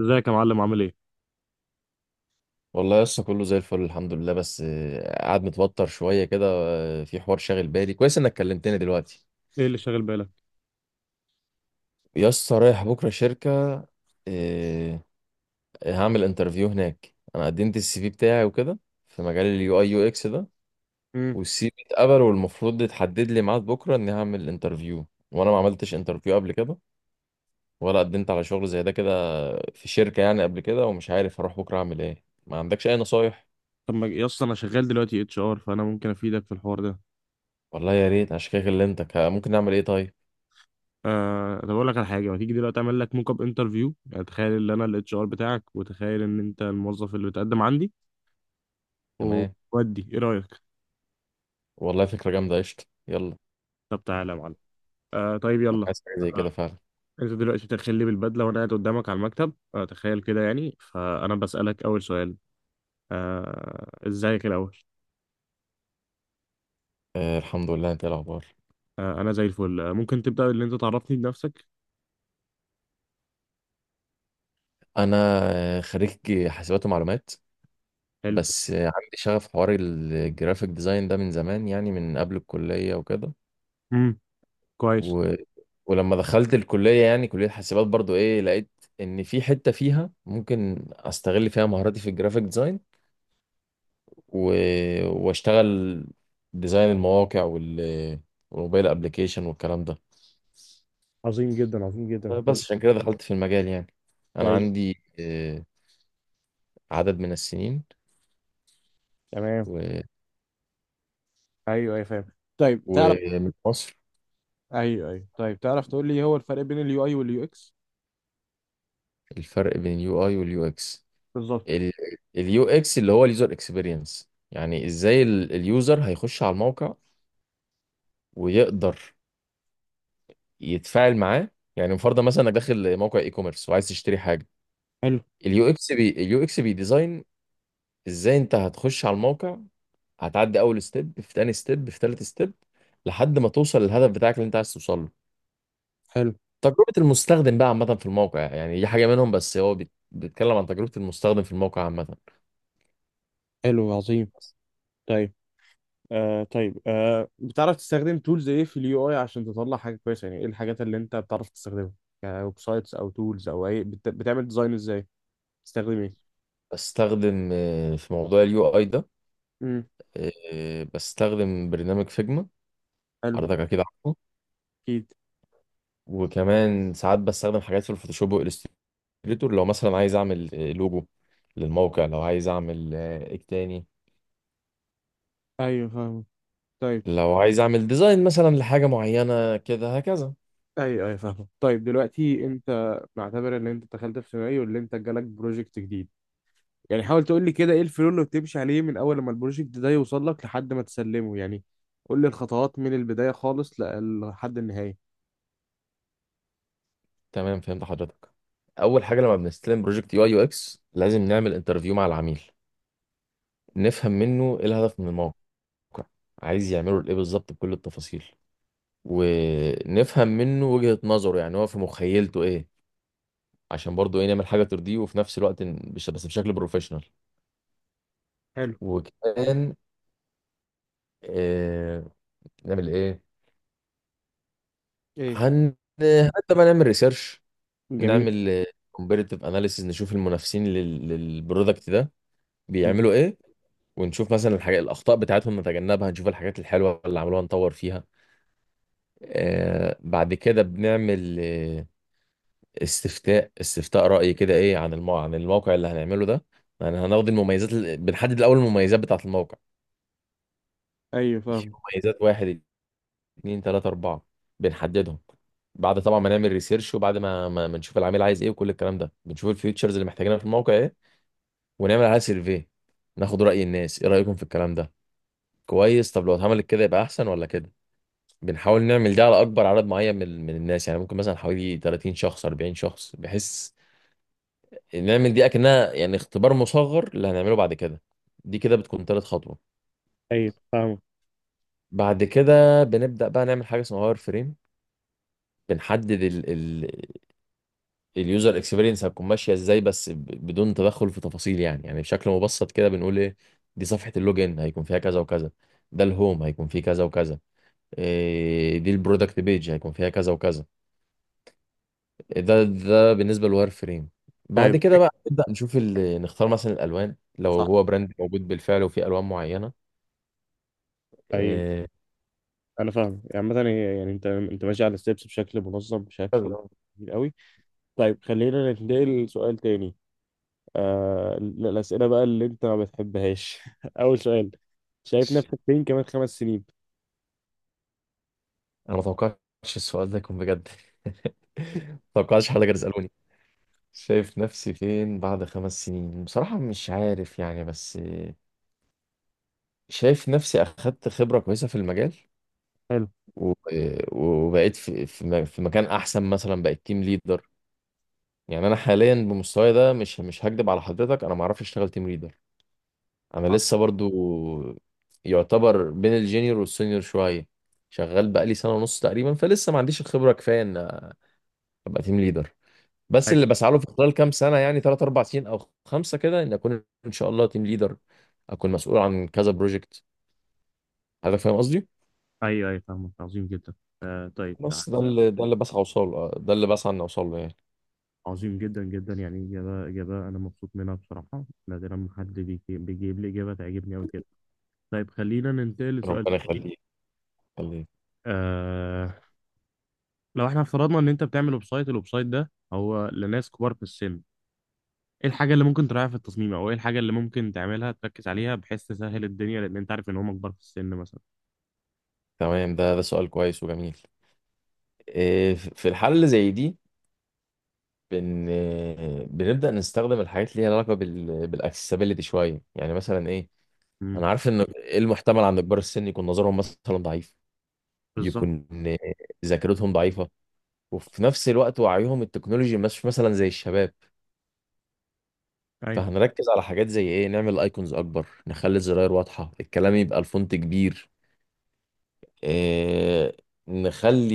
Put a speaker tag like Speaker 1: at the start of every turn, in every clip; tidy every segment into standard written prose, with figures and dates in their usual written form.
Speaker 1: ازيك يا معلم؟ عامل ايه؟
Speaker 2: والله لسه كله زي الفل، الحمد لله. بس قاعد متوتر شويه كده، في حوار شاغل بالي. كويس انك كلمتني دلوقتي.
Speaker 1: ايه اللي شاغل بالك؟
Speaker 2: يسطا، رايح بكره شركه. آه، هعمل انترفيو هناك. انا قدمت السي في بتاعي وكده، في مجال اليو اي يو اكس ده.
Speaker 1: امم.
Speaker 2: والسي في اتقبل، والمفروض يتحدد لي ميعاد بكره اني هعمل انترفيو. وانا ما عملتش انترفيو قبل كده، ولا قدمت على شغل زي ده كده في شركه يعني قبل كده. ومش عارف هروح بكره اعمل ايه. ما عندكش اي نصايح؟
Speaker 1: طب ما يا اسطى، انا شغال دلوقتي اتش ار، فانا ممكن افيدك في الحوار ده.
Speaker 2: والله يا ريت. عشان كده كلمتك. ها، ممكن نعمل ايه طيب؟
Speaker 1: طب اقول لك على حاجه، ما تيجي دلوقتي اعمل لك موك اب انترفيو، يعني تخيل ان انا الاتش ار بتاعك وتخيل ان انت الموظف اللي بتقدم عندي.
Speaker 2: تمام،
Speaker 1: وودي؟ ايه رايك؟
Speaker 2: والله فكرة جامدة. قشطة، يلا.
Speaker 1: طب تعالى يا معلم. آه، طيب،
Speaker 2: أنا
Speaker 1: يلا.
Speaker 2: عايز حاجة زي
Speaker 1: آه
Speaker 2: كده فعلا.
Speaker 1: انت دلوقتي تخلي بالبدله وانا قاعد قدامك على المكتب، تخيل كده يعني، فانا بسالك اول سؤال. ازيك الاول؟
Speaker 2: آه، الحمد لله. أنت إيه الأخبار؟
Speaker 1: آه، انا زي الفل. ممكن تبدا ان انت تعرفني بنفسك؟
Speaker 2: أنا خريج حاسبات ومعلومات.
Speaker 1: حلو.
Speaker 2: بس عندي شغف حوار الجرافيك ديزاين ده من زمان، يعني من قبل الكلية وكده.
Speaker 1: امم. كويس.
Speaker 2: و... ولما دخلت الكلية، يعني كلية حاسبات برضو، لقيت إن في حتة فيها ممكن أستغل فيها مهاراتي في الجرافيك ديزاين، و... وأشتغل ديزاين المواقع وال... والموبايل أبليكيشن والكلام ده.
Speaker 1: عظيم جدا، عظيم جدا، طيب.
Speaker 2: بس عشان كده دخلت في المجال يعني. انا
Speaker 1: طيب.
Speaker 2: عندي عدد من السنين
Speaker 1: تمام.
Speaker 2: و...
Speaker 1: ايوه، ايوه، فاهم. طيب، تعرف.
Speaker 2: ومن مصر.
Speaker 1: ايوه، ايوه، طيب، تعرف تقول لي هو الفرق بين اليو اي واليو اكس؟
Speaker 2: الفرق بين اليو اي واليو اكس.
Speaker 1: بالظبط.
Speaker 2: اليو اكس اللي هو اليوزر اكسبيرينس، يعني ازاي اليوزر هيخش على الموقع ويقدر يتفاعل معاه. يعني مفروض مثلا انك داخل موقع اي كوميرس وعايز تشتري حاجه.
Speaker 1: حلو.
Speaker 2: اليو اكس بي ديزاين، ازاي انت هتخش على الموقع. هتعدي اول ستيب، في تاني ستيب، في تالت ستيب، لحد ما توصل للهدف بتاعك اللي انت عايز توصله.
Speaker 1: حلو.
Speaker 2: تجربة المستخدم بقى عامة في الموقع، يعني دي حاجة منهم. بس هو بيتكلم عن تجربة المستخدم في الموقع عامة.
Speaker 1: حلو، عظيم. طيب. طيب، بتعرف تستخدم تولز ايه في اليو اي عشان تطلع حاجه كويسه؟ يعني ايه الحاجات اللي انت بتعرف تستخدمها؟ يعني ويب سايتس او تولز او اي بتعمل ديزاين ازاي؟ بتستخدم ايه؟
Speaker 2: بستخدم في موضوع اليو اي ده،
Speaker 1: امم.
Speaker 2: بستخدم برنامج فيجما.
Speaker 1: حلو.
Speaker 2: حضرتك اكيد عارفه.
Speaker 1: اكيد.
Speaker 2: وكمان ساعات بستخدم حاجات في الفوتوشوب والإليستريتور، لو مثلا عايز اعمل لوجو للموقع، لو عايز اعمل ايه تاني،
Speaker 1: ايوه، فاهم. طيب.
Speaker 2: لو عايز اعمل ديزاين مثلا لحاجة معينة كده هكذا.
Speaker 1: ايوه، ايوه، فاهم. طيب، دلوقتي انت، نعتبر ان انت دخلت في سيناريو اللي انت جالك بروجكت جديد. يعني حاول تقول لي كده، ايه الفلو اللي بتمشي عليه من اول ما البروجكت ده يوصل لك لحد ما تسلمه، يعني قول لي الخطوات من البداية خالص لحد النهاية.
Speaker 2: تمام، فهمت حضرتك. اول حاجة لما بنستلم بروجكت يو اي يو اكس، لازم نعمل انترفيو مع العميل. نفهم منه ايه الهدف من الموقع، عايز يعمله لايه بالظبط، بكل التفاصيل. ونفهم منه وجهة نظره، يعني هو في مخيلته ايه، عشان برضه ايه نعمل حاجة ترضيه وفي نفس الوقت بس بشكل بروفيشنال.
Speaker 1: حلو.
Speaker 2: وكمان آه نعمل ايه،
Speaker 1: ايه؟
Speaker 2: هن حتى ما نعمل ريسيرش.
Speaker 1: جميل.
Speaker 2: نعمل كومبيريتيف اناليسيز، نشوف المنافسين لل... للبرودكت ده
Speaker 1: م.
Speaker 2: بيعملوا ايه. ونشوف مثلا الحاجات، الاخطاء بتاعتهم نتجنبها، نشوف الحاجات الحلوه اللي عملوها نطور فيها. بعد كده بنعمل استفتاء رأي كده ايه عن عن الموقع اللي هنعمله ده. يعني هناخد بنحدد الأول المميزات بتاعة الموقع.
Speaker 1: ايوه،
Speaker 2: في
Speaker 1: فاهم.
Speaker 2: مميزات: واحد، اتنين، تلاتة، أربعة، بنحددهم. بعد طبعا ما نعمل ريسيرش، وبعد ما نشوف العميل عايز ايه وكل الكلام ده، بنشوف الفيوتشرز اللي محتاجينها في الموقع ايه. ونعمل عليها سيرفي، ناخد رأي الناس، ايه رأيكم في الكلام ده، كويس؟ طب لو اتعملت كده يبقى احسن ولا كده. بنحاول نعمل ده على اكبر عدد معين من الناس. يعني ممكن مثلا حوالي 30 شخص، 40 شخص، بحيث نعمل دي اكنها يعني اختبار مصغر اللي هنعمله بعد كده. دي كده بتكون تالت خطوه.
Speaker 1: طيب، فاهم.
Speaker 2: بعد كده بنبدا بقى نعمل حاجه اسمها واير فريم. بنحدد ال اليوزر اكسبيرينس هتكون ماشيه ازاي، بس بدون تدخل في تفاصيل. يعني بشكل مبسط كده بنقول ايه. دي صفحه اللوجن هيكون فيها كذا وكذا. ده الهوم هيكون فيه كذا وكذا. دي البرودكت بيج هيكون فيها كذا وكذا. ده بالنسبه للواير فريم. بعد
Speaker 1: طيب.
Speaker 2: كده بقى نبدا نشوف نختار مثلا الالوان لو
Speaker 1: صح.
Speaker 2: هو براند موجود بالفعل وفيه الوان معينه.
Speaker 1: طيب.
Speaker 2: إيه،
Speaker 1: انا فاهم. يعني مثلا يعني انت ماشي على الستبس بشكل منظم، بشكل كبير قوي. طيب، خلينا ننتقل لسؤال تاني. الاسئله بقى اللي انت ما بتحبهاش اول سؤال: شايف نفسك فين كمان خمس سنين؟
Speaker 2: انا ما توقعتش السؤال ده يكون بجد. ما توقعتش حد كان يسالوني شايف نفسي فين بعد 5 سنين. بصراحة مش عارف يعني. بس شايف نفسي أخدت خبرة كويسة في المجال. و- وبقيت في مكان أحسن، مثلا بقيت تيم ليدر. يعني أنا حاليا بمستواي ده مش هكدب على حضرتك، أنا ما أعرفش أشتغل تيم ليدر. أنا لسه برضو يعتبر بين الجينيور والسينيور شوية. شغال بقالي سنة ونص تقريبا، فلسه ما عنديش الخبرة كفاية إن ابقى تيم ليدر. بس
Speaker 1: حلو.
Speaker 2: اللي بسعى له في خلال كام سنه، يعني ثلاث اربع سنين او خمسه كده، ان اكون ان شاء الله تيم ليدر. اكون مسؤول عن كذا بروجكت. هذا فاهم قصدي.
Speaker 1: ايوه، ايوه، فاهمك. عظيم جدا. طيب.
Speaker 2: بس ده اللي بسعى اوصل له، ده اللي بسعى ان اوصل له يعني.
Speaker 1: عظيم جدا، جدا. يعني اجابه انا مبسوط منها بصراحه. نادرا ما حد بيجيب لي اجابه تعجبني قوي كده. طيب، خلينا ننتقل لسؤال.
Speaker 2: ربنا يخليك، يخليك.
Speaker 1: آه لو احنا افترضنا ان انت بتعمل ويب سايت، الويب سايت ده هو لناس كبار في السن، ايه الحاجه اللي ممكن تراعيها في التصميم او ايه الحاجه اللي ممكن تعملها تركز عليها بحيث تسهل الدنيا، لان انت عارف ان هم كبار في السن مثلا؟
Speaker 2: تمام، ده سؤال كويس وجميل. في الحالة اللي زي دي، بن بنبدأ نستخدم الحاجات اللي ليها علاقة بالاكسسبيلتي شوية، يعني مثلا ايه.
Speaker 1: امم.
Speaker 2: انا عارف ان المحتمل عند كبار السن يكون نظرهم مثلا ضعيف،
Speaker 1: بالظبط.
Speaker 2: يكون ذاكرتهم ضعيفة، وفي نفس الوقت وعيهم التكنولوجي مش مثلا زي الشباب.
Speaker 1: ايوه،
Speaker 2: فهنركز على حاجات زي ايه. نعمل ايكونز اكبر، نخلي الزراير واضحة، الكلام يبقى الفونت كبير. إيه نخلي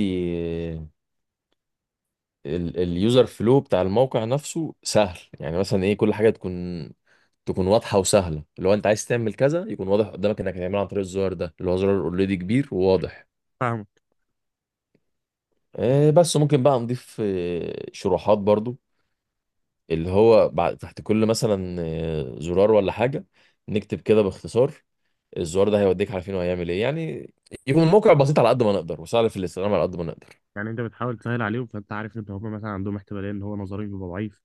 Speaker 2: اليوزر فلو بتاع الموقع نفسه سهل، يعني مثلا ايه، كل حاجة تكون واضحة وسهلة. لو انت عايز تعمل كذا يكون واضح قدامك انك هتعمله عن طريق الزرار ده، اللي هو زرار اوريدي كبير وواضح.
Speaker 1: فاهمك.
Speaker 2: بس ممكن بقى نضيف شروحات برضو، اللي هو بعد تحت كل مثلا زرار ولا حاجة، نكتب كده باختصار الزرار ده هيوديك على فين وهيعمل ايه يعني. يكون الموقع بسيط على قد ما نقدر وسهل في الاستخدام على قد ما نقدر.
Speaker 1: يعني انت بتحاول تسهل عليهم، فانت عارف ان هم مثلا عندهم احتماليه ان هو نظرهم يبقى ضعيف،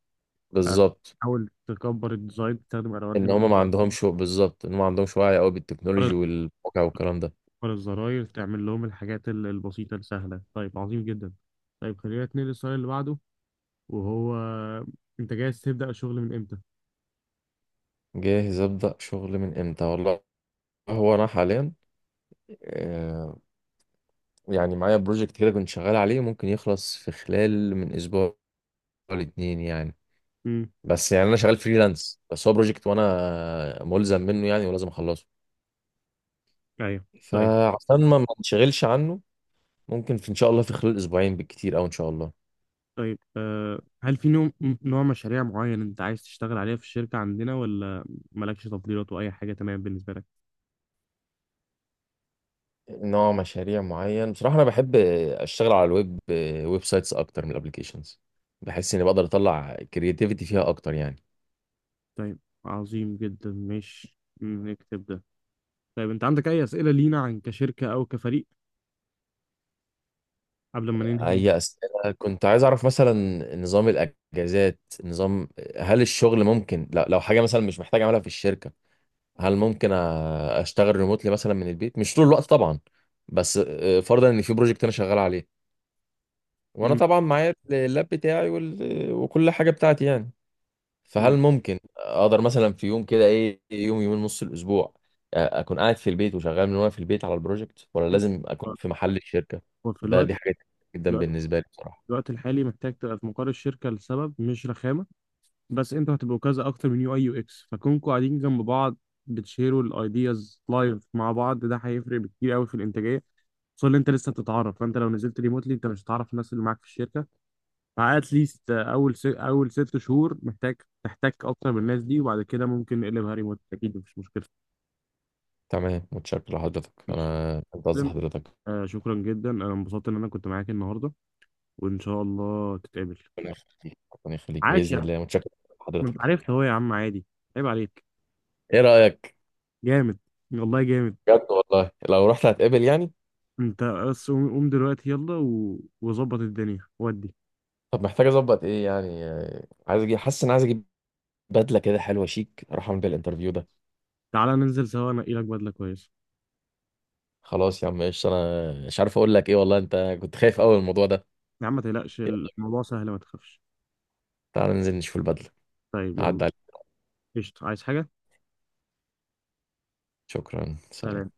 Speaker 1: آه،
Speaker 2: بالظبط.
Speaker 1: حاول تكبر الديزاين، تستخدم الوان،
Speaker 2: ان هم ما عندهمش وعي قوي
Speaker 1: تكبر
Speaker 2: بالتكنولوجي والموقع والكلام ده.
Speaker 1: الزراير، تعمل لهم الحاجات البسيطه السهله. طيب، عظيم جدا. طيب، خلينا نتنقل للسؤال اللي بعده، وهو: انت جاهز تبدا الشغل من امتى؟
Speaker 2: جاهز ابدا شغل من امتى، والله هو انا حاليا آه، يعني معايا بروجكت كده كنت شغال عليه، ممكن يخلص في خلال من اسبوع لاتنين يعني.
Speaker 1: امم.
Speaker 2: بس يعني انا شغال فريلانس، بس هو بروجكت وانا ملزم منه يعني ولازم اخلصه.
Speaker 1: ايوه. طيب.
Speaker 2: فعشان ما نشغلش عنه، ممكن في ان شاء الله في خلال اسبوعين بالكتير، او ان شاء الله.
Speaker 1: طيب، هل في نوع مشاريع معين انت عايز تشتغل عليها في الشركه عندنا، ولا مالكش تفضيلات واي حاجه تمام بالنسبه لك؟
Speaker 2: نوع مشاريع معين، بصراحة انا بحب اشتغل على الويب، ويب سايتس اكتر من الابليكيشنز. بحس اني بقدر اطلع كرياتيفيتي فيها اكتر يعني.
Speaker 1: طيب، عظيم جدا، ماشي، نكتب ده. طيب، انت عندك اي اسئله لينا عن كشركه او كفريق قبل ما ننهي؟
Speaker 2: اي اسئله، كنت عايز اعرف مثلا نظام الاجازات، هل الشغل ممكن، لا لو حاجه مثلا مش محتاج اعملها في الشركه، هل ممكن اشتغل ريموتلي مثلا من البيت، مش طول الوقت طبعا. بس فرضا ان في بروجكت انا شغال عليه، وانا
Speaker 1: مم.
Speaker 2: طبعا معايا اللاب بتاعي وال... وكل حاجه بتاعتي يعني. فهل ممكن اقدر مثلا في يوم كده ايه، يوم يومين نص الاسبوع، اكون قاعد في البيت وشغال وانا في البيت على البروجكت، ولا لازم اكون
Speaker 1: مم.
Speaker 2: في محل الشركه.
Speaker 1: وفي الوقت
Speaker 2: دي
Speaker 1: في
Speaker 2: حاجه جدا
Speaker 1: الوقت
Speaker 2: بالنسبه لي بصراحه.
Speaker 1: الوقت الحالي محتاج تبقى في مقر الشركة لسبب مش رخامة. بس انتوا هتبقوا كذا، اكتر من يو اي يو اكس، فكونكوا قاعدين جنب بعض. بتشيروا الايدياز لايف مع بعض، ده هيفرق كتير قوي في الانتاجية. خصوصا ان انت لسه بتتعرف، فانت لو نزلت ريموتلي انت مش هتعرف الناس اللي معاك في الشركة. فات ليست اول ست شهور محتاج تحتك اكتر بالناس دي، وبعد كده ممكن نقلبها ريموت، اكيد مفيش مشكلة.
Speaker 2: تمام، متشكر لحضرتك،
Speaker 1: ماشي.
Speaker 2: انا فهمت قصد حضرتك.
Speaker 1: شكرا جدا. انا انبسطت ان انا كنت معاك النهارده، وان شاء الله تتقابل.
Speaker 2: ربنا يخليك، ربنا يخليك،
Speaker 1: عاش
Speaker 2: باذن
Speaker 1: يا...
Speaker 2: الله، متشكر
Speaker 1: ما انت
Speaker 2: لحضرتك.
Speaker 1: عرفت اهو يا عم، عادي. عيب عليك.
Speaker 2: ايه رايك؟
Speaker 1: جامد. والله جامد.
Speaker 2: بجد والله لو رحت هتقابل يعني.
Speaker 1: انت بس قوم قوم دلوقتي يلا، وظبط الدنيا ودي.
Speaker 2: طب محتاج اظبط ايه يعني، عايز اجيب، حاسس ان عايز اجيب بدله كده حلوه شيك اروح اعمل بيها الانترفيو ده.
Speaker 1: تعالى ننزل سوا، انقي لك بدله كويسه.
Speaker 2: خلاص يا عم، ايش انا مش عارف اقول لك ايه والله، انت كنت خايف قوي من الموضوع ده.
Speaker 1: يا عم، ما تقلقش،
Speaker 2: يلا،
Speaker 1: الموضوع سهل، ما تخافش.
Speaker 2: تعال ننزل نشوف البدله.
Speaker 1: طيب، يلا.
Speaker 2: هعدي عليك.
Speaker 1: قشطة، عايز حاجه؟
Speaker 2: شكرا، سلام.
Speaker 1: سلام.